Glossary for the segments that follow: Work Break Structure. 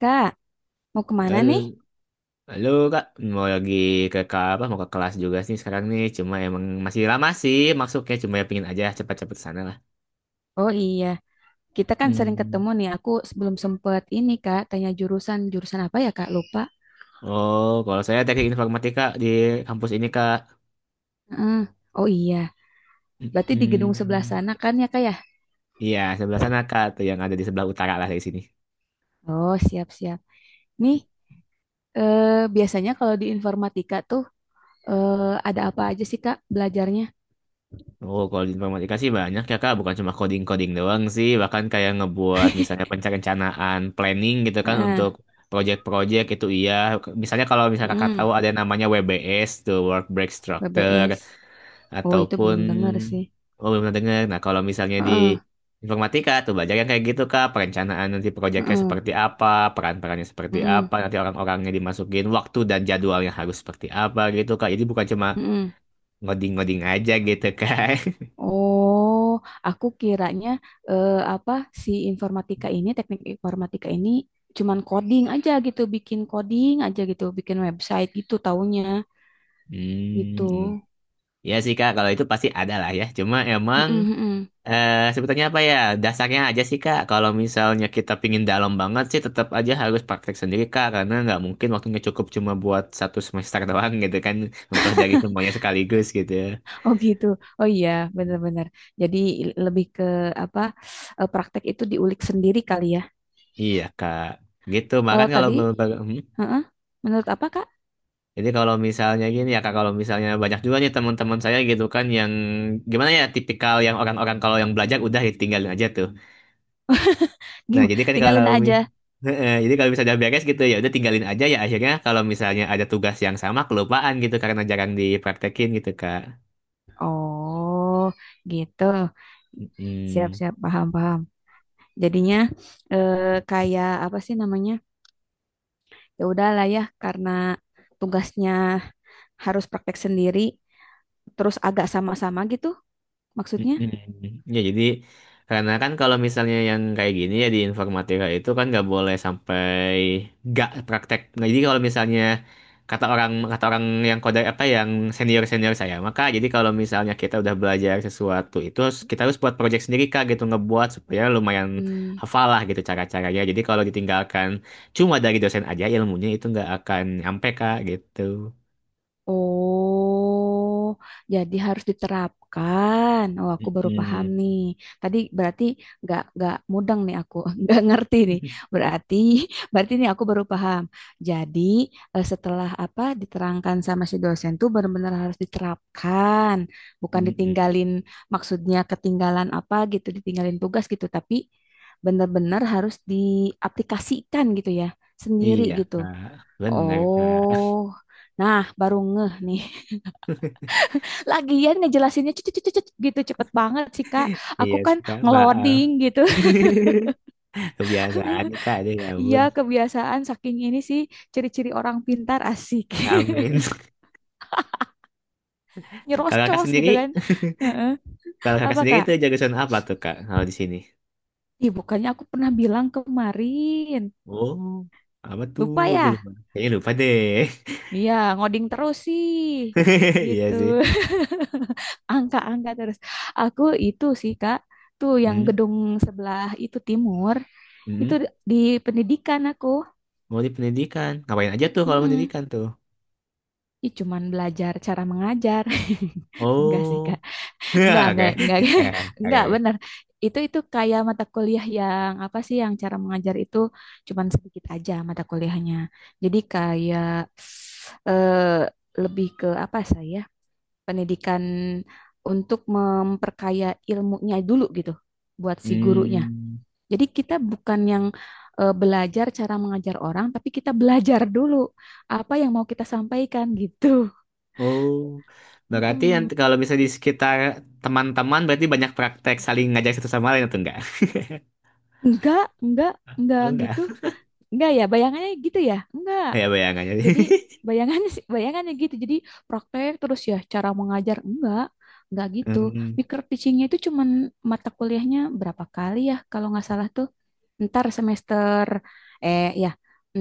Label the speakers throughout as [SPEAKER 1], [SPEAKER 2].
[SPEAKER 1] Kak, mau kemana nih?
[SPEAKER 2] Hal- Halo kak, mau lagi ke apa? Mau ke kelas juga sih sekarang nih. Cuma emang masih lama sih maksudnya. Cuma ya pingin aja cepat-cepat sana lah.
[SPEAKER 1] Oh iya, kita kan sering
[SPEAKER 2] Hmm.
[SPEAKER 1] ketemu nih. Aku sebelum sempet ini Kak, tanya jurusan. Jurusan apa ya Kak? Lupa.
[SPEAKER 2] Oh, kalau saya teknik informatika di kampus ini kak.
[SPEAKER 1] Heeh. Oh iya, berarti di gedung sebelah
[SPEAKER 2] Hmm.
[SPEAKER 1] sana kan ya Kak ya?
[SPEAKER 2] Iya, sebelah sana kak, tuh yang ada di sebelah utara lah dari sini.
[SPEAKER 1] Oh siap-siap. Nih, eh, biasanya kalau di informatika tuh eh, ada apa aja sih Kak belajarnya?
[SPEAKER 2] Oh, kalau di informatika sih banyak ya Kak, bukan cuma coding-coding doang sih, bahkan kayak ngebuat misalnya perencanaan planning gitu kan
[SPEAKER 1] Heeh.
[SPEAKER 2] untuk project-project itu iya. Misalnya kalau misalnya Kakak
[SPEAKER 1] Heeh.
[SPEAKER 2] tahu ada yang namanya WBS tuh Work Break Structure
[SPEAKER 1] BBS. Oh itu
[SPEAKER 2] ataupun
[SPEAKER 1] belum dengar sih.
[SPEAKER 2] oh belum pernah dengar. Nah, kalau misalnya di
[SPEAKER 1] Heeh.
[SPEAKER 2] informatika tuh belajar yang kayak gitu Kak, perencanaan nanti projectnya
[SPEAKER 1] Heeh.
[SPEAKER 2] seperti apa, peran-perannya seperti
[SPEAKER 1] Heeh.
[SPEAKER 2] apa, nanti orang-orangnya dimasukin waktu dan jadwalnya harus seperti apa gitu Kak. Jadi bukan cuma
[SPEAKER 1] Heeh.
[SPEAKER 2] ngoding-ngoding aja gitu Kak.
[SPEAKER 1] Oh, aku kiranya eh, apa si informatika ini, teknik informatika ini cuman coding aja gitu, bikin coding aja gitu, bikin website gitu taunya gitu.
[SPEAKER 2] Hmm, ya sih Kak, kalau itu pasti ada lah ya. Cuma
[SPEAKER 1] Mm-mm,
[SPEAKER 2] emang
[SPEAKER 1] mm-mm.
[SPEAKER 2] sebetulnya apa ya dasarnya aja sih Kak. Kalau misalnya kita pingin dalam banget sih, tetap aja harus praktek sendiri Kak, karena nggak mungkin waktunya cukup cuma buat satu semester doang gitu kan, mempelajari semuanya sekaligus gitu.
[SPEAKER 1] Oh gitu. Oh iya,
[SPEAKER 2] Hmm.
[SPEAKER 1] benar-benar. Jadi lebih ke apa praktek itu diulik sendiri kali ya.
[SPEAKER 2] Iya Kak, gitu. Makan
[SPEAKER 1] Kalau
[SPEAKER 2] kalau.
[SPEAKER 1] tadi, heeh, menurut apa Kak?
[SPEAKER 2] Jadi kalau misalnya gini ya Kak, kalau misalnya banyak juga nih teman-teman saya gitu kan yang gimana ya tipikal yang orang-orang kalau yang belajar udah ditinggalin aja tuh. Nah,
[SPEAKER 1] Gim,
[SPEAKER 2] jadi kan
[SPEAKER 1] tinggalin aja.
[SPEAKER 2] Heeh, jadi kalau misalnya udah beres gitu ya udah tinggalin aja ya akhirnya kalau misalnya ada tugas yang sama kelupaan gitu karena jarang dipraktekin gitu Kak.
[SPEAKER 1] Oh, gitu.
[SPEAKER 2] Mm.
[SPEAKER 1] Siap-siap, paham-paham. Jadinya eh, kayak apa sih namanya? Ya udahlah ya karena tugasnya harus praktek sendiri terus agak sama-sama gitu maksudnya.
[SPEAKER 2] Mm-mm. Ya jadi karena kan kalau misalnya yang kayak gini ya di informatika itu kan nggak boleh sampai nggak praktek. Nah, jadi kalau misalnya kata orang yang kode apa yang senior senior saya maka jadi kalau misalnya kita udah belajar sesuatu itu harus, kita harus buat project sendiri kak gitu ngebuat supaya lumayan
[SPEAKER 1] Hmm.
[SPEAKER 2] hafal lah gitu cara-caranya. Jadi kalau ditinggalkan cuma dari dosen aja ilmunya itu nggak akan nyampe kak gitu.
[SPEAKER 1] Oh, jadi harus diterapkan. Oh, aku baru paham
[SPEAKER 2] Mm-mm.
[SPEAKER 1] nih. Tadi berarti nggak mudeng nih aku, nggak ngerti nih. Berarti berarti nih aku baru paham. Jadi setelah apa diterangkan sama si dosen tuh benar-benar harus diterapkan, bukan ditinggalin.
[SPEAKER 2] Mm-mm.
[SPEAKER 1] Maksudnya ketinggalan apa gitu, ditinggalin tugas gitu, tapi benar-benar harus diaplikasikan gitu ya, sendiri
[SPEAKER 2] Iya,
[SPEAKER 1] gitu.
[SPEAKER 2] Kak. Benar, Kak.
[SPEAKER 1] Oh, nah baru ngeh nih. Lagian ngejelasinnya cut, cut, cut, cut, gitu cepet banget sih Kak.
[SPEAKER 2] Iya,
[SPEAKER 1] Aku
[SPEAKER 2] sih,
[SPEAKER 1] kan
[SPEAKER 2] Kak. Maaf.
[SPEAKER 1] ngeloding gitu.
[SPEAKER 2] Kebiasaan nih, Kak. Aduh, ya
[SPEAKER 1] Iya
[SPEAKER 2] ampun.
[SPEAKER 1] kebiasaan saking ini sih ciri-ciri orang pintar asik.
[SPEAKER 2] Amin. Kalau Kakak
[SPEAKER 1] Nyerocos gitu
[SPEAKER 2] sendiri,
[SPEAKER 1] kan. Heeh.
[SPEAKER 2] kalau Kakak
[SPEAKER 1] Apa
[SPEAKER 2] sendiri
[SPEAKER 1] Kak?
[SPEAKER 2] itu jurusan apa tuh, Kak? Kalau di sini.
[SPEAKER 1] Ih bukannya aku pernah bilang kemarin.
[SPEAKER 2] Oh, apa tuh?
[SPEAKER 1] Lupa
[SPEAKER 2] Aku
[SPEAKER 1] ya?
[SPEAKER 2] lupa. Kayaknya lupa deh.
[SPEAKER 1] Iya ngoding terus sih.
[SPEAKER 2] Iya sih.
[SPEAKER 1] Gitu. Angka-angka terus. Aku itu sih Kak. Tuh yang
[SPEAKER 2] Hmm,
[SPEAKER 1] gedung sebelah itu timur. Itu
[SPEAKER 2] hmm.
[SPEAKER 1] di pendidikan aku.
[SPEAKER 2] Mau di pendidikan. Ngapain aja tuh kalau
[SPEAKER 1] Mm-mm.
[SPEAKER 2] pendidikan tuh?
[SPEAKER 1] Ih, cuman belajar cara mengajar. Enggak sih, Kak.
[SPEAKER 2] Oh. Oke.
[SPEAKER 1] Enggak, enggak.
[SPEAKER 2] Eh,
[SPEAKER 1] Enggak,
[SPEAKER 2] Oke. Oke.
[SPEAKER 1] benar. Itu kayak mata kuliah yang apa sih yang cara mengajar itu cuman sedikit aja mata kuliahnya. Jadi kayak eh, lebih ke apa saya? Pendidikan untuk memperkaya ilmunya dulu gitu buat si gurunya.
[SPEAKER 2] Hmm.
[SPEAKER 1] Jadi kita bukan yang belajar cara mengajar orang, tapi kita belajar dulu apa yang mau kita sampaikan gitu.
[SPEAKER 2] Oh, berarti yang
[SPEAKER 1] Mm-mm.
[SPEAKER 2] kalau bisa di sekitar teman-teman berarti banyak praktek saling ngajak satu sama lain atau enggak?
[SPEAKER 1] Enggak, enggak, enggak
[SPEAKER 2] Oh,
[SPEAKER 1] gitu.
[SPEAKER 2] enggak.
[SPEAKER 1] Enggak ya, bayangannya gitu ya? Enggak.
[SPEAKER 2] Ya bayangannya.
[SPEAKER 1] Jadi bayangannya gitu. Jadi praktek terus ya cara mengajar enggak. Enggak gitu.
[SPEAKER 2] Hmm.
[SPEAKER 1] Micro teachingnya itu cuman mata kuliahnya berapa kali ya kalau nggak salah tuh. Ntar semester ya,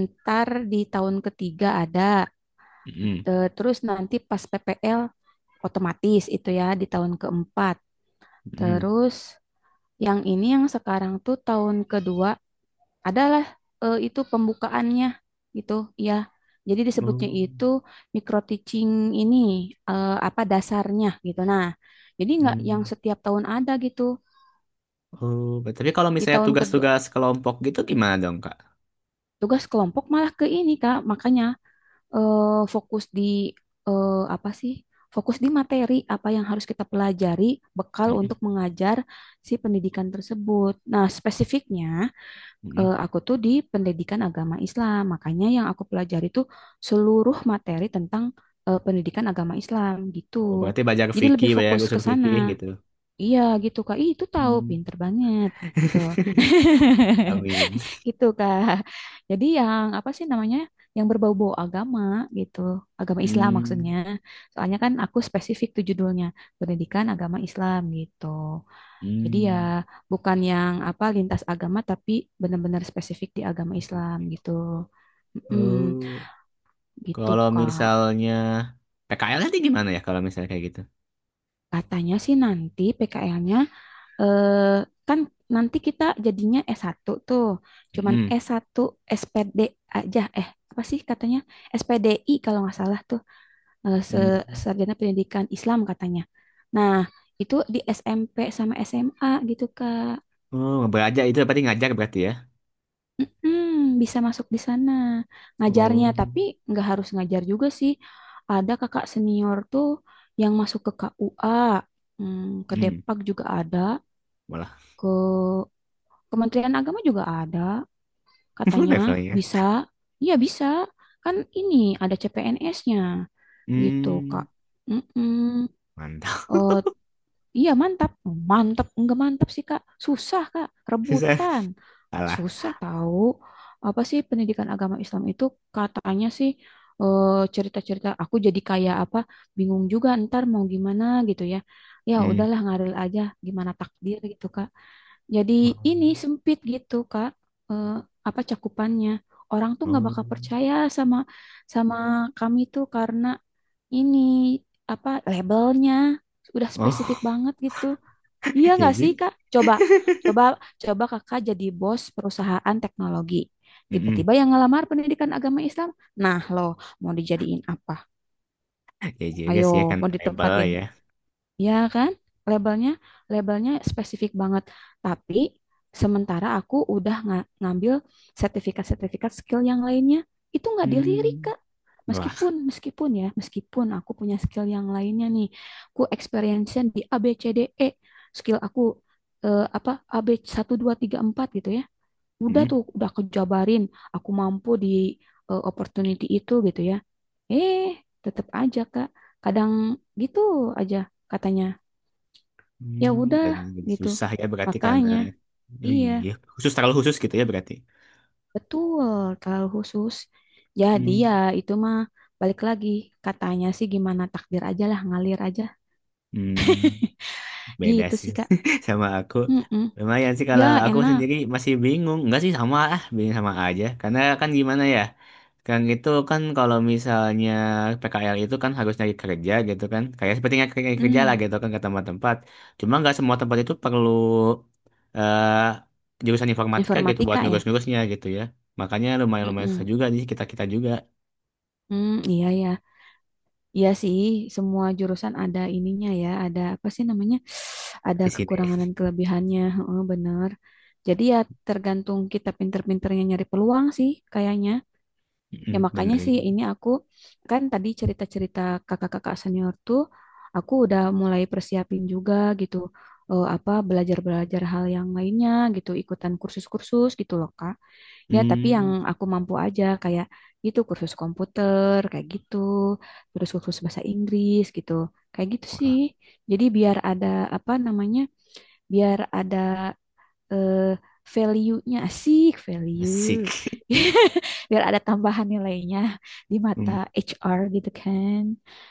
[SPEAKER 1] ntar di tahun ketiga ada.
[SPEAKER 2] Hmm.
[SPEAKER 1] Terus nanti pas PPL otomatis itu ya di tahun keempat.
[SPEAKER 2] Hmm.
[SPEAKER 1] Terus yang ini yang sekarang tuh tahun kedua adalah itu pembukaannya gitu ya. Jadi disebutnya
[SPEAKER 2] Oh.
[SPEAKER 1] itu micro teaching ini apa dasarnya gitu. Nah, jadi nggak yang
[SPEAKER 2] Hmm.
[SPEAKER 1] setiap tahun ada gitu.
[SPEAKER 2] Oh, tapi kalau
[SPEAKER 1] Di
[SPEAKER 2] misalnya
[SPEAKER 1] tahun kedua
[SPEAKER 2] tugas-tugas kelompok gitu gimana dong, Kak?
[SPEAKER 1] tugas kelompok malah ke ini Kak, makanya eh, fokus di apa sih? Fokus di materi apa yang harus kita pelajari, bekal
[SPEAKER 2] Hmm.
[SPEAKER 1] untuk mengajar si pendidikan tersebut. Nah, spesifiknya
[SPEAKER 2] Hmm.
[SPEAKER 1] aku tuh di pendidikan agama Islam, makanya yang aku pelajari tuh seluruh materi tentang pendidikan agama Islam gitu.
[SPEAKER 2] Oh, berarti belajar
[SPEAKER 1] Jadi
[SPEAKER 2] fikih,
[SPEAKER 1] lebih
[SPEAKER 2] belajar
[SPEAKER 1] fokus ke
[SPEAKER 2] usul
[SPEAKER 1] sana.
[SPEAKER 2] fikih gitu.
[SPEAKER 1] Iya gitu Kak. Ih, itu tahu
[SPEAKER 2] Hmm.
[SPEAKER 1] pinter banget gitu.
[SPEAKER 2] Amin.
[SPEAKER 1] Gitu Kak. Jadi yang apa sih namanya? Yang berbau-bau agama gitu. Agama Islam maksudnya.
[SPEAKER 2] Hmm.
[SPEAKER 1] Soalnya kan aku spesifik tuh judulnya, pendidikan agama Islam gitu. Jadi ya
[SPEAKER 2] Hmm.
[SPEAKER 1] bukan yang apa lintas agama tapi benar-benar spesifik di agama
[SPEAKER 2] Usul
[SPEAKER 1] Islam
[SPEAKER 2] fikih.
[SPEAKER 1] gitu.
[SPEAKER 2] Oh,
[SPEAKER 1] Mm, gitu
[SPEAKER 2] kalau
[SPEAKER 1] Kak.
[SPEAKER 2] misalnya PKL nanti gimana ya kalau misalnya kayak gitu?
[SPEAKER 1] Katanya sih nanti PKL-nya eh, kan nanti kita jadinya S1 tuh. Cuman
[SPEAKER 2] Mm-mm.
[SPEAKER 1] S1 SPD aja. Eh, apa sih katanya? SPDI kalau nggak salah tuh. eh, Se-
[SPEAKER 2] Mm.
[SPEAKER 1] Sarjana Pendidikan Islam katanya. Nah, itu di SMP sama SMA gitu, Kak.
[SPEAKER 2] Oh, belajar itu berarti ngajar berarti ya.
[SPEAKER 1] Mm-mm, bisa masuk di sana. Ngajarnya,
[SPEAKER 2] Oh,
[SPEAKER 1] tapi nggak harus ngajar juga sih. Ada kakak senior tuh yang masuk ke KUA, ke
[SPEAKER 2] mm.
[SPEAKER 1] Depak juga ada,
[SPEAKER 2] Malah
[SPEAKER 1] ke Kementerian Agama juga ada. Katanya
[SPEAKER 2] levelnya.
[SPEAKER 1] bisa, iya bisa. Kan ini ada CPNS-nya gitu,
[SPEAKER 2] Hmm,
[SPEAKER 1] Kak. Mm-mm.
[SPEAKER 2] mantap.
[SPEAKER 1] Eh, iya mantap, mantap, enggak mantap sih, Kak. Susah, Kak,
[SPEAKER 2] Susah.
[SPEAKER 1] rebutan.
[SPEAKER 2] Salah.
[SPEAKER 1] Susah tahu. Apa sih pendidikan agama Islam itu katanya sih eh, cerita-cerita aku jadi kayak apa bingung juga ntar mau gimana gitu ya. Ya
[SPEAKER 2] Hmm.
[SPEAKER 1] udahlah ngalir aja gimana takdir gitu, Kak. Jadi
[SPEAKER 2] Oh,
[SPEAKER 1] ini sempit gitu Kak, eh, apa cakupannya. Orang tuh nggak
[SPEAKER 2] oh,
[SPEAKER 1] bakal percaya sama sama kami tuh karena ini apa labelnya udah spesifik
[SPEAKER 2] oh,
[SPEAKER 1] banget gitu. Iya
[SPEAKER 2] ya
[SPEAKER 1] nggak sih
[SPEAKER 2] juga.
[SPEAKER 1] Kak? Coba, coba, coba Kakak jadi bos perusahaan teknologi.
[SPEAKER 2] Mm-mm.
[SPEAKER 1] Tiba-tiba yang ngelamar pendidikan agama Islam, nah loh mau dijadiin apa?
[SPEAKER 2] Ya juga
[SPEAKER 1] Ayo,
[SPEAKER 2] sih ya kan
[SPEAKER 1] mau
[SPEAKER 2] label
[SPEAKER 1] ditempatin.
[SPEAKER 2] ya.
[SPEAKER 1] Ya kan? Labelnya, labelnya spesifik banget. Tapi sementara aku udah ngambil sertifikat-sertifikat skill yang lainnya, itu nggak dilirik,
[SPEAKER 2] Hmm,
[SPEAKER 1] Kak.
[SPEAKER 2] wah.
[SPEAKER 1] Meskipun aku punya skill yang lainnya nih, ku experience-nya di A, B, C, D, E, skill aku eh, apa A, B, satu, 2, 3, 4 gitu ya. Udah
[SPEAKER 2] Mm-mm.
[SPEAKER 1] tuh, udah kejabarin, aku mampu di opportunity itu gitu ya. Eh, tetap aja, Kak. Kadang gitu aja katanya ya
[SPEAKER 2] Hmm,
[SPEAKER 1] udah
[SPEAKER 2] dan jadi
[SPEAKER 1] gitu.
[SPEAKER 2] susah ya berarti karena.
[SPEAKER 1] Makanya,
[SPEAKER 2] Oh iya,
[SPEAKER 1] iya,
[SPEAKER 2] iya, khusus, terlalu khusus gitu ya berarti.
[SPEAKER 1] betul, terlalu khusus. Jadi
[SPEAKER 2] Hmm,
[SPEAKER 1] ya itu mah balik lagi katanya sih gimana takdir aja lah, ngalir aja.
[SPEAKER 2] hmm. Beda
[SPEAKER 1] Gitu
[SPEAKER 2] sih
[SPEAKER 1] sih, Kak.
[SPEAKER 2] sama aku.
[SPEAKER 1] Mm-mm.
[SPEAKER 2] Lumayan sih kalau
[SPEAKER 1] Ya,
[SPEAKER 2] aku
[SPEAKER 1] enak.
[SPEAKER 2] sendiri masih bingung. Enggak sih sama ah, bingung sama aja. Karena kan gimana ya? Kan itu kan kalau misalnya PKL itu kan harus nyari kerja gitu kan. Kayak seperti nyari nyari kerja lah
[SPEAKER 1] Mm.
[SPEAKER 2] gitu kan ke tempat-tempat. Cuma nggak semua tempat itu perlu eh jurusan informatika gitu buat
[SPEAKER 1] Informatika ya.
[SPEAKER 2] ngurus-ngurusnya gitu ya. Makanya lumayan-lumayan
[SPEAKER 1] Mm-mm.
[SPEAKER 2] susah juga di kita-kita juga
[SPEAKER 1] Mm, iya ya. Iya sih, semua jurusan ada ininya ya, ada apa sih namanya? Ada
[SPEAKER 2] di sini.
[SPEAKER 1] kekurangan dan kelebihannya. Heeh, bener. Jadi ya tergantung kita pinter-pinternya nyari peluang sih kayaknya. Ya
[SPEAKER 2] Mm,
[SPEAKER 1] makanya
[SPEAKER 2] bener
[SPEAKER 1] sih
[SPEAKER 2] ini.
[SPEAKER 1] ini aku kan tadi cerita-cerita kakak-kakak senior tuh aku udah mulai persiapin juga gitu apa belajar-belajar hal yang lainnya gitu ikutan kursus-kursus gitu loh Kak. Ya tapi yang
[SPEAKER 2] Hmm,
[SPEAKER 1] aku mampu aja kayak gitu kursus komputer kayak gitu, terus kursus bahasa Inggris gitu. Kayak gitu sih.
[SPEAKER 2] walah,
[SPEAKER 1] Jadi biar ada apa namanya? Biar ada eh value-nya asik
[SPEAKER 2] asik.
[SPEAKER 1] value. Biar ada tambahan nilainya di mata HR gitu kan.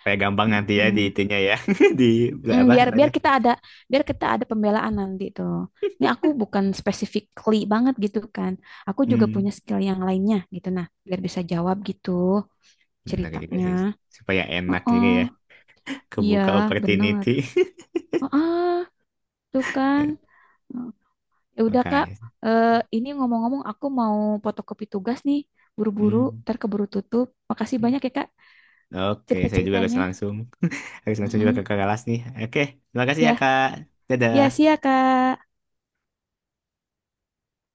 [SPEAKER 2] Kayak gampang nanti ya di
[SPEAKER 1] Hmm.
[SPEAKER 2] itunya ya. Di
[SPEAKER 1] Hmm,
[SPEAKER 2] apa
[SPEAKER 1] biar
[SPEAKER 2] namanya?
[SPEAKER 1] biar kita ada pembelaan nanti tuh ini aku bukan specifically banget gitu kan aku juga punya
[SPEAKER 2] Hmm.
[SPEAKER 1] skill yang lainnya gitu nah biar bisa jawab gitu
[SPEAKER 2] Benar juga
[SPEAKER 1] ceritanya.
[SPEAKER 2] sih. Supaya
[SPEAKER 1] Oh,
[SPEAKER 2] enak juga ya.
[SPEAKER 1] oh, iya
[SPEAKER 2] Kebuka
[SPEAKER 1] benar.
[SPEAKER 2] opportunity.
[SPEAKER 1] oh ah, Tuh kan. Ya udah, Kak.
[SPEAKER 2] Makanya.
[SPEAKER 1] Ini ngomong-ngomong aku mau fotokopi tugas nih, buru-buru,
[SPEAKER 2] Hmm.
[SPEAKER 1] ntar keburu tutup. Makasih banyak ya Kak
[SPEAKER 2] Oke, saya juga harus
[SPEAKER 1] cerita-ceritanya.
[SPEAKER 2] langsung. Harus langsung juga
[SPEAKER 1] Mm-mm.
[SPEAKER 2] ke kelas nih. Oke, terima kasih ya,
[SPEAKER 1] Ya,
[SPEAKER 2] Kak.
[SPEAKER 1] ya
[SPEAKER 2] Dadah.
[SPEAKER 1] sih ya Kak.